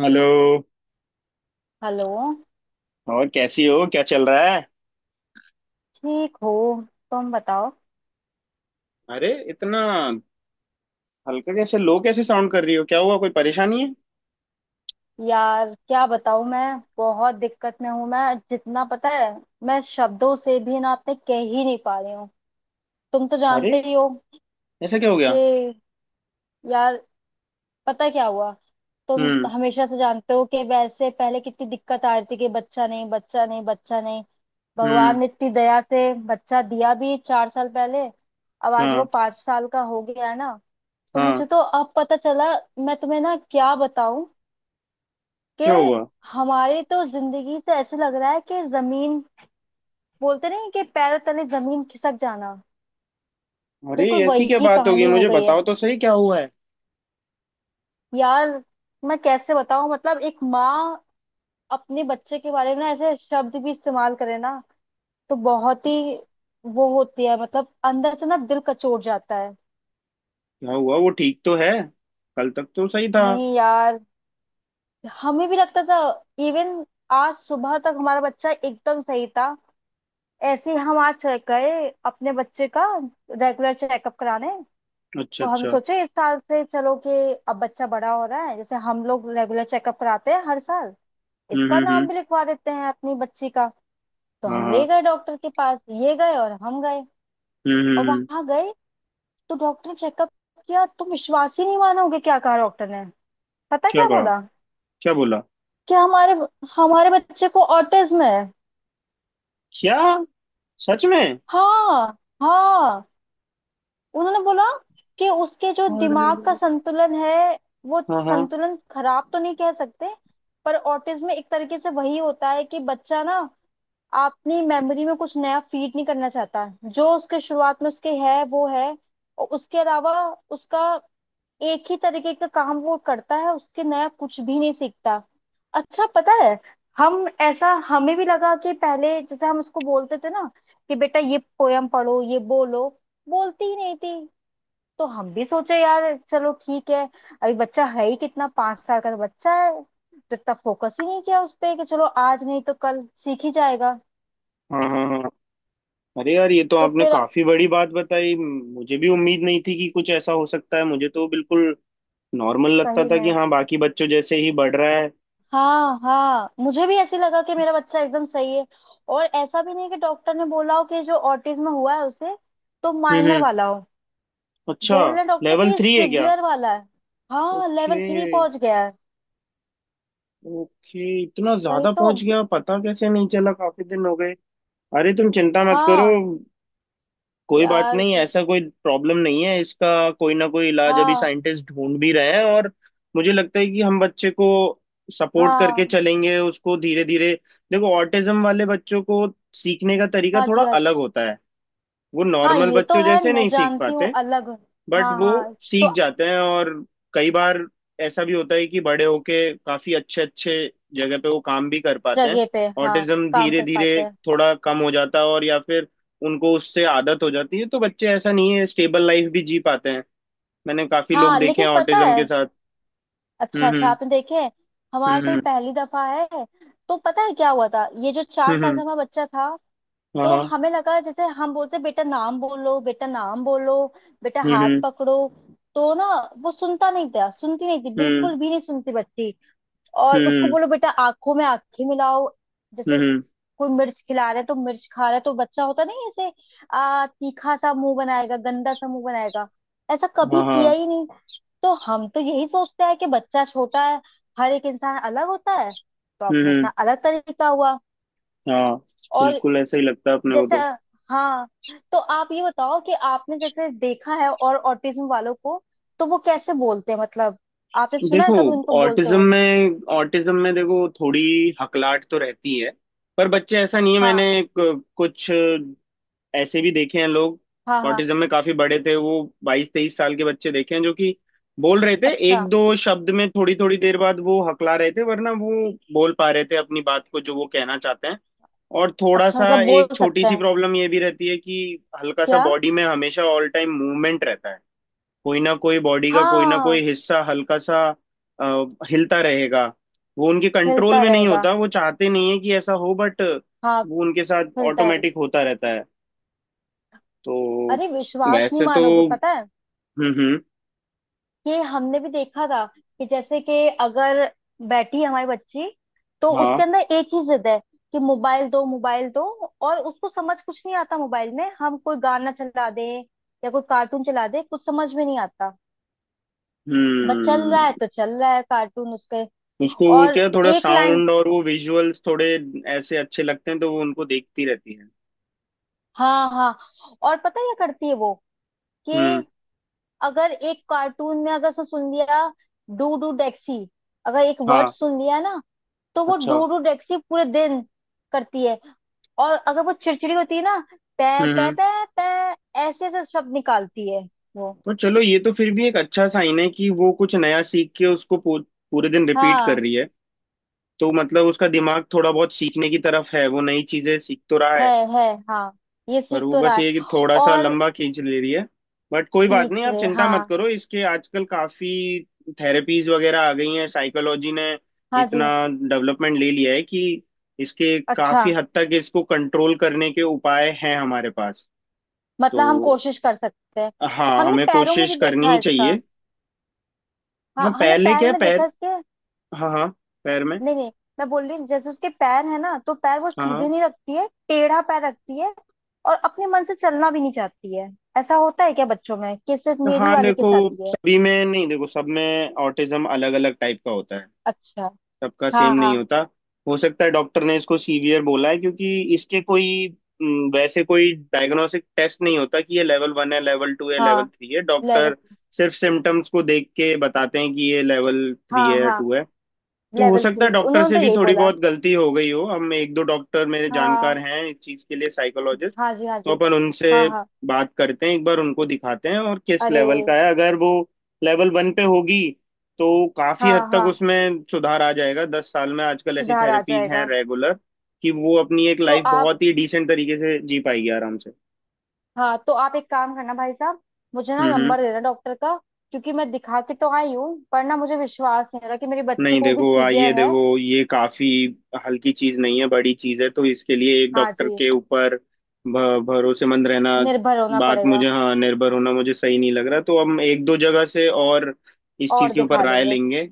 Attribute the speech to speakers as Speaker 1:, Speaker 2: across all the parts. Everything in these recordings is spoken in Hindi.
Speaker 1: हेलो।
Speaker 2: हेलो।
Speaker 1: और कैसी हो, क्या चल रहा है?
Speaker 2: ठीक हो। तुम बताओ।
Speaker 1: अरे इतना हल्का कैसे लो, कैसे साउंड कर रही हो, क्या हुआ, कोई परेशानी है?
Speaker 2: यार क्या बताऊं मैं। बहुत दिक्कत में हूं। मैं जितना पता है मैं शब्दों से भी ना अपने कह ही नहीं पा रही हूँ। तुम तो
Speaker 1: अरे
Speaker 2: जानते ही हो
Speaker 1: ऐसा क्या हो गया?
Speaker 2: कि यार, पता क्या हुआ। तुम
Speaker 1: हम्म।
Speaker 2: हमेशा से जानते हो कि वैसे पहले कितनी दिक्कत आ रही थी कि बच्चा नहीं, बच्चा नहीं, बच्चा नहीं। भगवान
Speaker 1: हम्म।
Speaker 2: ने इतनी दया से बच्चा दिया भी 4 साल पहले। अब आज वो
Speaker 1: हाँ।
Speaker 2: 5 साल का हो गया है ना। तो
Speaker 1: हाँ।
Speaker 2: मुझे तो अब पता चला। मैं तुम्हें ना क्या बताऊं
Speaker 1: क्या
Speaker 2: कि
Speaker 1: हुआ?
Speaker 2: हमारी तो जिंदगी से ऐसे लग रहा है कि जमीन, बोलते नहीं कि पैरों तले जमीन खिसक जाना।
Speaker 1: अरे
Speaker 2: बिल्कुल
Speaker 1: ऐसी क्या
Speaker 2: वही
Speaker 1: बात हो गई,
Speaker 2: कहानी हो
Speaker 1: मुझे
Speaker 2: गई है।
Speaker 1: बताओ तो सही क्या हुआ है?
Speaker 2: यार मैं कैसे बताऊं, मतलब एक माँ अपने बच्चे के बारे में ना ऐसे शब्द भी इस्तेमाल करे ना, तो बहुत ही वो होती है। मतलब अंदर से ना दिल कचोट जाता है।
Speaker 1: क्या हुआ, वो ठीक तो है? कल तक तो सही था।
Speaker 2: नहीं यार, हमें भी लगता था। इवन आज सुबह तक हमारा बच्चा एकदम सही था। ऐसे ही हम आज गए अपने बच्चे का रेगुलर चेकअप कराने।
Speaker 1: अच्छा
Speaker 2: तो हम
Speaker 1: अच्छा।
Speaker 2: सोचे इस साल से चलो कि अब बच्चा बड़ा हो रहा है, जैसे हम लोग रेगुलर चेकअप कराते हैं हर साल, इसका नाम
Speaker 1: हम्म।
Speaker 2: भी लिखवा देते हैं अपनी बच्ची का। तो
Speaker 1: हाँ
Speaker 2: हम ले
Speaker 1: हाँ।
Speaker 2: गए डॉक्टर के पास, ये गए और हम गए
Speaker 1: हम्म हम्म
Speaker 2: और
Speaker 1: हम्म।
Speaker 2: वहां गए। तो डॉक्टर ने चेकअप किया। तुम विश्वास ही नहीं मानोगे क्या कहा डॉक्टर ने, पता
Speaker 1: क्या
Speaker 2: क्या
Speaker 1: कहा?
Speaker 2: बोला
Speaker 1: क्या बोला?
Speaker 2: कि हमारे हमारे बच्चे को ऑटिज्म है।
Speaker 1: क्या? सच में?
Speaker 2: हाँ, हाँ, उन्होंने बोला कि उसके जो
Speaker 1: अरे
Speaker 2: दिमाग का संतुलन है, वो
Speaker 1: हाँ हाँ
Speaker 2: संतुलन खराब तो नहीं कह सकते, पर ऑटिज्म में एक तरीके से वही होता है कि बच्चा ना अपनी मेमोरी में कुछ नया फीड नहीं करना चाहता। जो उसके शुरुआत में उसके है वो है, और उसके अलावा उसका एक ही तरीके का काम वो करता है, उसके नया कुछ भी नहीं सीखता। अच्छा, पता है, हम ऐसा हमें भी लगा कि पहले जैसे हम उसको बोलते थे ना कि बेटा ये पोयम पढ़ो, ये बोलो, बोलती ही नहीं थी। तो हम भी सोचे, यार चलो ठीक है, अभी बच्चा है ही कितना, 5 साल का तो बच्चा है, तो इतना फोकस ही नहीं किया उस पे कि चलो आज नहीं तो कल सीख ही जाएगा।
Speaker 1: हाँ। हाँ हाँ। अरे यार, ये तो
Speaker 2: तो
Speaker 1: आपने
Speaker 2: फिर
Speaker 1: काफी बड़ी बात बताई। मुझे भी उम्मीद नहीं थी कि कुछ ऐसा हो सकता है। मुझे तो बिल्कुल नॉर्मल लगता
Speaker 2: सही
Speaker 1: था
Speaker 2: में,
Speaker 1: कि हाँ, बाकी बच्चों जैसे ही बढ़ रहा है।
Speaker 2: हाँ हाँ, मुझे भी ऐसे लगा कि मेरा बच्चा एकदम सही है। और ऐसा भी नहीं कि डॉक्टर ने बोला हो कि जो ऑटिज्म हुआ है उसे, तो माइनर
Speaker 1: हम्म।
Speaker 2: वाला हो।
Speaker 1: अच्छा।
Speaker 2: बोल रहे डॉक्टर
Speaker 1: लेवल
Speaker 2: कि
Speaker 1: थ्री है क्या?
Speaker 2: सिवियर वाला है। हाँ,
Speaker 1: ओके।
Speaker 2: लेवल 3 पहुंच गया है।
Speaker 1: ओके, इतना
Speaker 2: वही
Speaker 1: ज्यादा
Speaker 2: तो।
Speaker 1: पहुंच गया, पता कैसे नहीं चला, काफी दिन हो गए। अरे तुम चिंता मत करो।
Speaker 2: हाँ।
Speaker 1: कोई बात
Speaker 2: यार।
Speaker 1: नहीं, ऐसा कोई प्रॉब्लम नहीं है इसका। कोई ना कोई इलाज अभी
Speaker 2: हाँ।
Speaker 1: साइंटिस्ट ढूंढ भी रहे हैं। और मुझे लगता है कि हम बच्चे को सपोर्ट करके
Speaker 2: हाँ।
Speaker 1: चलेंगे उसको धीरे धीरे। देखो, ऑटिज्म वाले बच्चों को सीखने का तरीका
Speaker 2: हाँ
Speaker 1: थोड़ा
Speaker 2: जी, हाँ जी।
Speaker 1: अलग होता है। वो
Speaker 2: हाँ,
Speaker 1: नॉर्मल
Speaker 2: ये तो
Speaker 1: बच्चों
Speaker 2: है,
Speaker 1: जैसे
Speaker 2: मैं
Speaker 1: नहीं सीख
Speaker 2: जानती हूँ,
Speaker 1: पाते,
Speaker 2: अलग।
Speaker 1: बट
Speaker 2: हाँ
Speaker 1: वो
Speaker 2: हाँ। तो
Speaker 1: सीख जाते हैं। और कई बार ऐसा भी होता है कि बड़े होके काफी अच्छे अच्छे जगह पे वो काम भी कर पाते हैं।
Speaker 2: जगह पे हाँ।
Speaker 1: ऑटिज्म
Speaker 2: काम
Speaker 1: धीरे
Speaker 2: कर
Speaker 1: धीरे
Speaker 2: पाते हैं।
Speaker 1: थोड़ा कम हो जाता है, और या फिर उनको उससे आदत हो जाती है, तो बच्चे ऐसा नहीं है, स्टेबल लाइफ भी जी पाते हैं। मैंने काफी लोग
Speaker 2: हाँ
Speaker 1: देखे
Speaker 2: लेकिन
Speaker 1: हैं
Speaker 2: पता
Speaker 1: ऑटिज्म
Speaker 2: है।
Speaker 1: के साथ।
Speaker 2: अच्छा अच्छा,
Speaker 1: हम्म
Speaker 2: आपने देखे हैं। हमारा तो ये
Speaker 1: हम्म
Speaker 2: पहली दफा है। तो पता है क्या हुआ था, ये जो
Speaker 1: हम्म।
Speaker 2: चार साल का हमारा बच्चा था।
Speaker 1: हाँ
Speaker 2: तो
Speaker 1: हाँ।
Speaker 2: हमें लगा जैसे हम बोलते बेटा नाम बोलो, बेटा नाम बोलो, बेटा
Speaker 1: हम्म
Speaker 2: हाथ
Speaker 1: हम्म
Speaker 2: पकड़ो, तो ना वो सुनता नहीं था, सुनती नहीं थी,
Speaker 1: हम्म।
Speaker 2: बिल्कुल भी नहीं सुनती बच्ची। और उसको
Speaker 1: हम्म
Speaker 2: बोलो बेटा आंखों में आंखें मिलाओ।
Speaker 1: हम्म,
Speaker 2: जैसे
Speaker 1: हम्म,
Speaker 2: कोई मिर्च खिला रहे, तो मिर्च खा रहे तो बच्चा होता नहीं ऐसे, आ तीखा सा मुंह बनाएगा, गंदा सा मुंह बनाएगा, ऐसा कभी
Speaker 1: हाँ
Speaker 2: किया
Speaker 1: हाँ।
Speaker 2: ही नहीं। तो हम तो यही सोचते हैं कि बच्चा छोटा है, हर एक इंसान अलग होता है तो
Speaker 1: हम्म
Speaker 2: अपना
Speaker 1: हम्म,
Speaker 2: अपना अलग तरीका हुआ।
Speaker 1: हाँ।
Speaker 2: और
Speaker 1: बिल्कुल ऐसा ही लगता है अपने को
Speaker 2: जैसे
Speaker 1: तो।
Speaker 2: हाँ, तो आप ये बताओ कि आपने जैसे देखा है और ऑटिज्म वालों को, तो वो कैसे बोलते हैं, मतलब आपने सुना है
Speaker 1: देखो,
Speaker 2: कभी उनको बोलते
Speaker 1: ऑटिज्म
Speaker 2: हुए।
Speaker 1: में ऑटिज्म में देखो, थोड़ी हकलाहट तो रहती है। पर बच्चे, ऐसा नहीं है,
Speaker 2: हाँ,
Speaker 1: मैंने कुछ ऐसे भी देखे हैं लोग
Speaker 2: हाँ, हाँ।
Speaker 1: ऑटिज्म में, काफी बड़े थे वो। 22-23 साल के बच्चे देखे हैं जो कि बोल रहे थे
Speaker 2: अच्छा,
Speaker 1: एक दो शब्द में, थोड़ी थोड़ी देर बाद वो हकला रहे थे, वरना वो बोल पा रहे थे अपनी बात को, जो वो कहना चाहते हैं। और थोड़ा
Speaker 2: अच्छा,
Speaker 1: सा,
Speaker 2: मतलब बोल
Speaker 1: एक छोटी
Speaker 2: सकते
Speaker 1: सी
Speaker 2: हैं।
Speaker 1: प्रॉब्लम ये भी रहती है कि हल्का सा
Speaker 2: क्या।
Speaker 1: बॉडी में हमेशा ऑल टाइम मूवमेंट रहता है। कोई ना कोई बॉडी का कोई ना कोई
Speaker 2: हाँ
Speaker 1: हिस्सा हल्का सा अ, हिलता रहेगा। वो उनके कंट्रोल
Speaker 2: हिलता
Speaker 1: में नहीं
Speaker 2: रहेगा।
Speaker 1: होता, वो चाहते नहीं है कि ऐसा हो, बट
Speaker 2: हाँ
Speaker 1: वो उनके साथ
Speaker 2: खुलता है।
Speaker 1: ऑटोमेटिक होता रहता है। तो
Speaker 2: अरे विश्वास नहीं
Speaker 1: वैसे तो,
Speaker 2: मानोगे, पता है
Speaker 1: हम्म।
Speaker 2: कि हमने भी देखा था कि जैसे कि अगर बैठी है हमारी बच्ची, तो
Speaker 1: हाँ।
Speaker 2: उसके अंदर एक ही जिद है कि मोबाइल दो, मोबाइल दो। और उसको समझ कुछ नहीं आता, मोबाइल में हम कोई गाना चला दें या कोई कार्टून चला दें, कुछ समझ में नहीं आता। बस चल
Speaker 1: हम्म।
Speaker 2: रहा है तो चल रहा है कार्टून उसके।
Speaker 1: उसको वो
Speaker 2: और
Speaker 1: क्या, थोड़ा
Speaker 2: एक लाइन।
Speaker 1: साउंड और वो विजुअल्स थोड़े ऐसे अच्छे लगते हैं, तो वो उनको देखती रहती है।
Speaker 2: हाँ हाँ। और पता है क्या करती है वो,
Speaker 1: हम्म।
Speaker 2: कि अगर एक कार्टून में अगर उसने सुन लिया डू डू डेक्सी, अगर एक वर्ड
Speaker 1: हाँ।
Speaker 2: सुन लिया ना, तो वो
Speaker 1: अच्छा।
Speaker 2: डू डू डेक्सी पूरे दिन करती है। और अगर वो चिड़चिड़ी होती है ना, पै पै
Speaker 1: हम्म।
Speaker 2: पै पै, ऐसे ऐसे शब्द निकालती है वो।
Speaker 1: तो चलो, ये तो फिर भी एक अच्छा साइन है कि वो कुछ नया सीख के उसको पूरे दिन रिपीट कर
Speaker 2: हाँ।
Speaker 1: रही है। तो मतलब उसका दिमाग थोड़ा बहुत सीखने की तरफ है, वो नई चीजें सीख तो रहा
Speaker 2: है,
Speaker 1: है।
Speaker 2: है। हाँ, ये
Speaker 1: पर
Speaker 2: सीख
Speaker 1: वो
Speaker 2: तो रहा
Speaker 1: बस ये कि
Speaker 2: है।
Speaker 1: थोड़ा सा
Speaker 2: और
Speaker 1: लंबा खींच ले रही है। बट कोई बात
Speaker 2: खींच
Speaker 1: नहीं, आप
Speaker 2: रहे
Speaker 1: चिंता मत
Speaker 2: हाँ।
Speaker 1: करो, इसके आजकल काफी थेरेपीज वगैरह आ गई हैं। साइकोलॉजी ने
Speaker 2: हाँ
Speaker 1: इतना
Speaker 2: जी।
Speaker 1: डेवलपमेंट ले लिया है कि इसके
Speaker 2: अच्छा,
Speaker 1: काफी हद तक इसको कंट्रोल करने के उपाय हैं हमारे पास। तो
Speaker 2: मतलब हम कोशिश कर सकते हैं।
Speaker 1: हाँ,
Speaker 2: हमने
Speaker 1: हमें
Speaker 2: पैरों में भी
Speaker 1: कोशिश करनी
Speaker 2: देखा
Speaker 1: ही
Speaker 2: है इसका।
Speaker 1: चाहिए।
Speaker 2: हाँ
Speaker 1: हाँ
Speaker 2: हमने
Speaker 1: पहले क्या
Speaker 2: पैर
Speaker 1: है,
Speaker 2: में देखा
Speaker 1: पैर।
Speaker 2: इसके।
Speaker 1: हाँ हाँ, पैर में।
Speaker 2: नहीं नहीं, मैं बोल रही हूँ जैसे उसके पैर है ना, तो पैर वो
Speaker 1: हाँ
Speaker 2: सीधे
Speaker 1: हाँ।
Speaker 2: नहीं रखती है, टेढ़ा पैर रखती है। और अपने मन से चलना भी नहीं चाहती है। ऐसा होता है क्या बच्चों में कि सिर्फ मेरी
Speaker 1: हाँ
Speaker 2: वाली के
Speaker 1: देखो,
Speaker 2: साथ ही है।
Speaker 1: सभी में नहीं, देखो सब में ऑटिज्म अलग अलग टाइप का होता है,
Speaker 2: अच्छा।
Speaker 1: सबका सेम
Speaker 2: हाँ
Speaker 1: नहीं
Speaker 2: हाँ।
Speaker 1: होता। हो सकता है डॉक्टर ने इसको सीवियर बोला है क्योंकि इसके कोई, वैसे कोई डायग्नोस्टिक टेस्ट नहीं होता कि ये लेवल 1 है, लेवल 2 है, लेवल
Speaker 2: हाँ
Speaker 1: थ्री है।
Speaker 2: लेवल।
Speaker 1: डॉक्टर सिर्फ सिम्टम्स को देख के बताते हैं कि ये लेवल 3
Speaker 2: हाँ
Speaker 1: है या
Speaker 2: हाँ,
Speaker 1: टू है। तो हो
Speaker 2: लेवल
Speaker 1: सकता है
Speaker 2: थ्री
Speaker 1: डॉक्टर
Speaker 2: उन्होंने
Speaker 1: से
Speaker 2: तो
Speaker 1: भी
Speaker 2: यही
Speaker 1: थोड़ी
Speaker 2: बोला।
Speaker 1: बहुत गलती हो गई हो। हम एक दो डॉक्टर मेरे जानकार
Speaker 2: हाँ,
Speaker 1: हैं इस चीज के लिए, साइकोलॉजिस्ट।
Speaker 2: हाँ जी, हाँ
Speaker 1: तो
Speaker 2: जी।
Speaker 1: अपन उनसे
Speaker 2: हाँ हाँ।
Speaker 1: बात करते हैं, एक बार उनको दिखाते हैं, और किस
Speaker 2: अरे।
Speaker 1: लेवल का है। अगर वो लेवल 1 पे होगी तो काफी
Speaker 2: हाँ
Speaker 1: हद तक
Speaker 2: हाँ,
Speaker 1: उसमें सुधार आ जाएगा 10 साल में। आजकल ऐसी
Speaker 2: सुधार आ
Speaker 1: थेरेपीज हैं
Speaker 2: जाएगा।
Speaker 1: रेगुलर कि वो अपनी एक
Speaker 2: तो
Speaker 1: लाइफ
Speaker 2: आप,
Speaker 1: बहुत ही डिसेंट तरीके से जी पाएगी आराम से।
Speaker 2: हाँ तो आप एक काम करना भाई साहब, मुझे ना
Speaker 1: हम्म।
Speaker 2: नंबर दे देना डॉक्टर का। क्योंकि मैं दिखा के तो आई हूँ, पर ना मुझे विश्वास नहीं हो रहा कि मेरी बच्ची
Speaker 1: नहीं
Speaker 2: को वो भी
Speaker 1: देखो, आ ये
Speaker 2: सीवियर है।
Speaker 1: देखो, ये काफी हल्की चीज नहीं है, बड़ी चीज है। तो इसके लिए एक
Speaker 2: हाँ
Speaker 1: डॉक्टर
Speaker 2: जी,
Speaker 1: के ऊपर भरोसेमंद रहना,
Speaker 2: निर्भर होना
Speaker 1: बात
Speaker 2: पड़ेगा।
Speaker 1: मुझे, हाँ, निर्भर होना मुझे सही नहीं लग रहा। तो हम एक दो जगह से और इस चीज
Speaker 2: और
Speaker 1: के ऊपर
Speaker 2: दिखा
Speaker 1: राय
Speaker 2: लेंगे।
Speaker 1: लेंगे,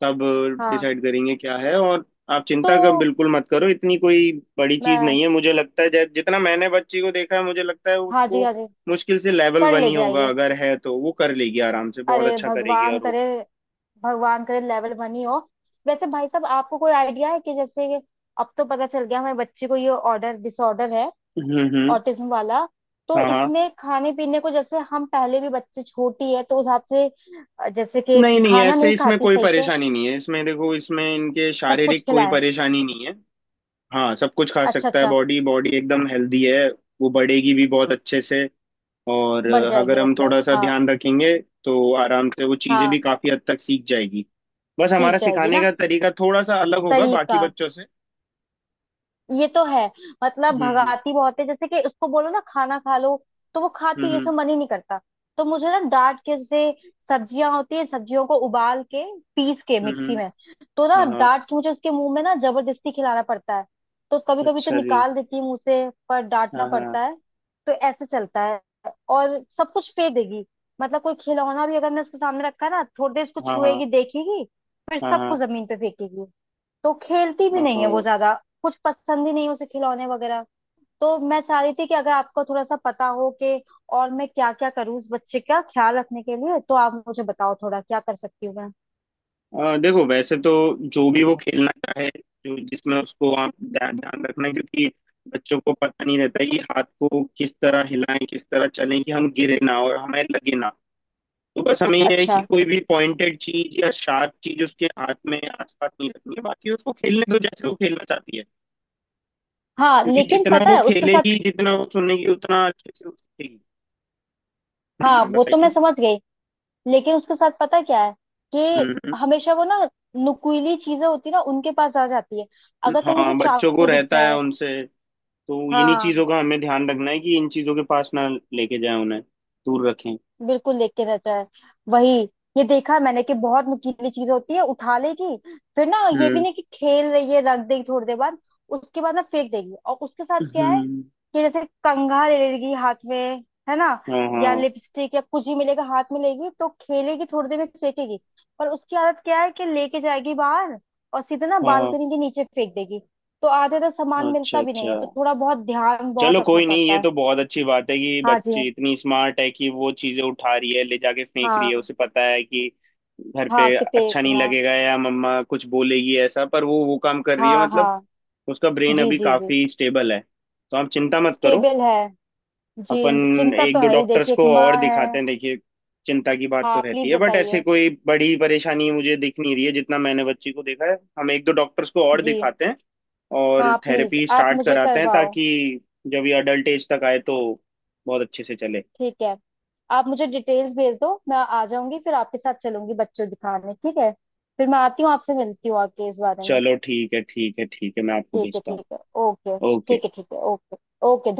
Speaker 1: तब
Speaker 2: हाँ।
Speaker 1: डिसाइड करेंगे क्या है। और आप
Speaker 2: तो
Speaker 1: चिंता का बिल्कुल मत करो, इतनी कोई बड़ी चीज
Speaker 2: मैं,
Speaker 1: नहीं है मुझे लगता है। जितना मैंने बच्ची को देखा है मुझे लगता है
Speaker 2: हाँ जी,
Speaker 1: उसको
Speaker 2: हाँ जी,
Speaker 1: मुश्किल से लेवल
Speaker 2: कर
Speaker 1: वन
Speaker 2: ले
Speaker 1: ही होगा।
Speaker 2: जाएगी।
Speaker 1: अगर है तो वो कर लेगी आराम से, बहुत
Speaker 2: अरे
Speaker 1: अच्छा करेगी।
Speaker 2: भगवान
Speaker 1: और
Speaker 2: करे,
Speaker 1: वो,
Speaker 2: भगवान करे लेवल 1 ही हो। वैसे भाई साहब आपको कोई आइडिया है कि जैसे अब तो पता चल गया हमारी बच्ची को ये ऑर्डर डिसऑर्डर है,
Speaker 1: हम्म।
Speaker 2: ऑटिज्म वाला। तो
Speaker 1: हाँ।
Speaker 2: इसमें खाने पीने को, जैसे हम पहले भी बच्चे छोटी है तो उस हिसाब से, जैसे कि
Speaker 1: नहीं नहीं,
Speaker 2: खाना
Speaker 1: ऐसे
Speaker 2: नहीं
Speaker 1: इसमें
Speaker 2: खाती
Speaker 1: कोई
Speaker 2: सही से,
Speaker 1: परेशानी नहीं है, इसमें देखो, इसमें इनके
Speaker 2: सब कुछ
Speaker 1: शारीरिक कोई
Speaker 2: खिलाए।
Speaker 1: परेशानी नहीं है। हाँ सब कुछ खा
Speaker 2: अच्छा
Speaker 1: सकता है,
Speaker 2: अच्छा।
Speaker 1: बॉडी बॉडी एकदम हेल्दी है। वो बढ़ेगी भी बहुत अच्छे से। और
Speaker 2: बढ़
Speaker 1: अगर
Speaker 2: जाएगी,
Speaker 1: हम
Speaker 2: मतलब
Speaker 1: थोड़ा सा
Speaker 2: हाँ।
Speaker 1: ध्यान रखेंगे तो आराम से वो चीज़ें भी
Speaker 2: हाँ
Speaker 1: काफ़ी हद तक सीख जाएगी। बस
Speaker 2: सीख
Speaker 1: हमारा
Speaker 2: जाएगी
Speaker 1: सिखाने
Speaker 2: ना।
Speaker 1: का तरीका थोड़ा सा अलग होगा बाकी
Speaker 2: तरीका।
Speaker 1: बच्चों से।
Speaker 2: ये तो है। मतलब
Speaker 1: हम्म
Speaker 2: भगाती बहुत है, जैसे कि उसको बोलो ना खाना खा लो, तो वो खाती है
Speaker 1: हम्म।
Speaker 2: उसमें मन ही नहीं करता। तो मुझे ना डांट के, जैसे सब्जियां होती है, सब्जियों को उबाल के पीस के
Speaker 1: हम्म
Speaker 2: मिक्सी
Speaker 1: हम्म,
Speaker 2: में, तो ना
Speaker 1: हाँ हाँ।
Speaker 2: डांट के मुझे उसके मुंह में ना जबरदस्ती खिलाना पड़ता है। तो कभी कभी तो
Speaker 1: अच्छा जी,
Speaker 2: निकाल देती है मुंह से, पर डांटना
Speaker 1: हाँ
Speaker 2: पड़ता
Speaker 1: हाँ।
Speaker 2: है। तो ऐसे चलता है। और सब कुछ फेंक देगी, मतलब कोई खिलौना भी अगर मैं उसके सामने रखा है ना, थोड़ी देर उसको
Speaker 1: हाँ हाँ।
Speaker 2: छुएगी, देखेगी, फिर
Speaker 1: हाँ
Speaker 2: सबको
Speaker 1: हाँ।
Speaker 2: जमीन पे फेंकेगी। तो खेलती भी नहीं
Speaker 1: ओहो।
Speaker 2: है वो ज्यादा, कुछ पसंद ही नहीं है उसे खिलौने वगैरह। तो मैं चाह रही थी कि अगर आपको थोड़ा सा पता हो कि और मैं क्या क्या करूँ उस बच्चे का ख्याल रखने के लिए, तो आप मुझे बताओ थोड़ा क्या कर सकती हूँ मैं।
Speaker 1: देखो वैसे तो जो भी वो खेलना चाहे, जो जिसमें उसको, आप ध्यान ध्यान रखना है, क्योंकि बच्चों को पता नहीं रहता है कि हाथ को किस तरह हिलाएं, किस तरह चलें कि हम गिरे ना और हमें लगे ना। तो बस हमें यह है कि
Speaker 2: अच्छा,
Speaker 1: कोई भी पॉइंटेड चीज या शार्प चीज उसके हाथ में आसपास नहीं रखनी है, बाकी उसको खेलने दो जैसे वो खेलना चाहती है।
Speaker 2: हाँ
Speaker 1: क्योंकि
Speaker 2: लेकिन
Speaker 1: जितना
Speaker 2: पता
Speaker 1: वो
Speaker 2: है उसके साथ।
Speaker 1: खेलेगी, जितना वो सुनेगी, उतना अच्छे से वो सीखेगी।
Speaker 2: हाँ वो तो मैं
Speaker 1: बताइए।
Speaker 2: समझ गई, लेकिन उसके साथ पता क्या है कि
Speaker 1: हम्म, हम्म।
Speaker 2: हमेशा वो ना नुकीली चीजें होती है ना, उनके पास आ जाती है, अगर कहीं उसे
Speaker 1: हाँ बच्चों को
Speaker 2: चाकू दिख
Speaker 1: रहता है
Speaker 2: जाए।
Speaker 1: उनसे। तो इन्हीं
Speaker 2: हाँ
Speaker 1: चीजों का हमें ध्यान रखना है कि इन चीजों के पास ना लेके जाए उन्हें, दूर रखें।
Speaker 2: बिल्कुल, लेख के रचा है वही। ये देखा है मैंने कि बहुत नुकीली चीज होती है उठा लेगी, फिर ना ये भी
Speaker 1: हम्म
Speaker 2: नहीं कि खेल रही है रख देगी थोड़ी देर बाद, उसके बाद ना फेंक देगी। और उसके साथ क्या है
Speaker 1: हम्म।
Speaker 2: कि जैसे कंघा ले लेगी हाथ में, है ना,
Speaker 1: हाँ हाँ।
Speaker 2: या लिपस्टिक या कुछ भी मिलेगा हाथ में लेगी तो खेलेगी, थोड़ी देर में फेंकेगी। पर उसकी आदत क्या है कि लेके जाएगी बाहर और सीधे ना
Speaker 1: हाँ हाँ।
Speaker 2: बालकनी के नीचे फेंक देगी। तो आधे तो सामान
Speaker 1: अच्छा
Speaker 2: मिलता भी नहीं
Speaker 1: अच्छा।
Speaker 2: है, तो थोड़ा बहुत ध्यान
Speaker 1: चलो
Speaker 2: बहुत रखना
Speaker 1: कोई नहीं,
Speaker 2: पड़ता
Speaker 1: ये
Speaker 2: है।
Speaker 1: तो बहुत अच्छी बात है कि
Speaker 2: हाँ जी।
Speaker 1: बच्ची इतनी स्मार्ट है कि वो चीजें उठा रही है, ले जाके फेंक रही है,
Speaker 2: हाँ
Speaker 1: उसे पता है कि घर
Speaker 2: हाँ
Speaker 1: पे
Speaker 2: कि
Speaker 1: अच्छा नहीं
Speaker 2: फेंकना।
Speaker 1: लगेगा या मम्मा कुछ बोलेगी ऐसा, पर वो काम कर रही है,
Speaker 2: हाँ
Speaker 1: मतलब
Speaker 2: हाँ।
Speaker 1: उसका ब्रेन
Speaker 2: जी
Speaker 1: अभी
Speaker 2: जी जी,
Speaker 1: काफी स्टेबल है। तो आप चिंता मत करो।
Speaker 2: स्टेबल है। जी
Speaker 1: अपन
Speaker 2: चिंता तो
Speaker 1: एक दो
Speaker 2: है ही,
Speaker 1: डॉक्टर्स
Speaker 2: देखिए एक
Speaker 1: को और
Speaker 2: माँ है।
Speaker 1: दिखाते हैं, देखिए चिंता की बात तो
Speaker 2: हाँ
Speaker 1: रहती
Speaker 2: प्लीज
Speaker 1: है, बट ऐसे
Speaker 2: बताइए।
Speaker 1: कोई बड़ी परेशानी मुझे दिख नहीं रही है जितना मैंने बच्ची को देखा है। हम एक दो डॉक्टर्स को और
Speaker 2: जी
Speaker 1: दिखाते हैं और
Speaker 2: हाँ, प्लीज
Speaker 1: थेरेपी
Speaker 2: आप
Speaker 1: स्टार्ट
Speaker 2: मुझे
Speaker 1: कराते हैं
Speaker 2: करवाओ।
Speaker 1: ताकि जब ये अडल्ट एज तक आए तो बहुत अच्छे से चले।
Speaker 2: ठीक है, आप मुझे डिटेल्स भेज दो, मैं आ जाऊंगी फिर आपके साथ चलूंगी बच्चों दिखाने। ठीक है, फिर मैं आती हूँ आपसे, मिलती हूँ आके इस बारे में।
Speaker 1: चलो ठीक है ठीक है ठीक है, मैं आपको
Speaker 2: ठीक है,
Speaker 1: भेजता हूँ।
Speaker 2: ठीक है, ओके,
Speaker 1: ओके।
Speaker 2: ठीक है, ठीक है, ओके, ओके।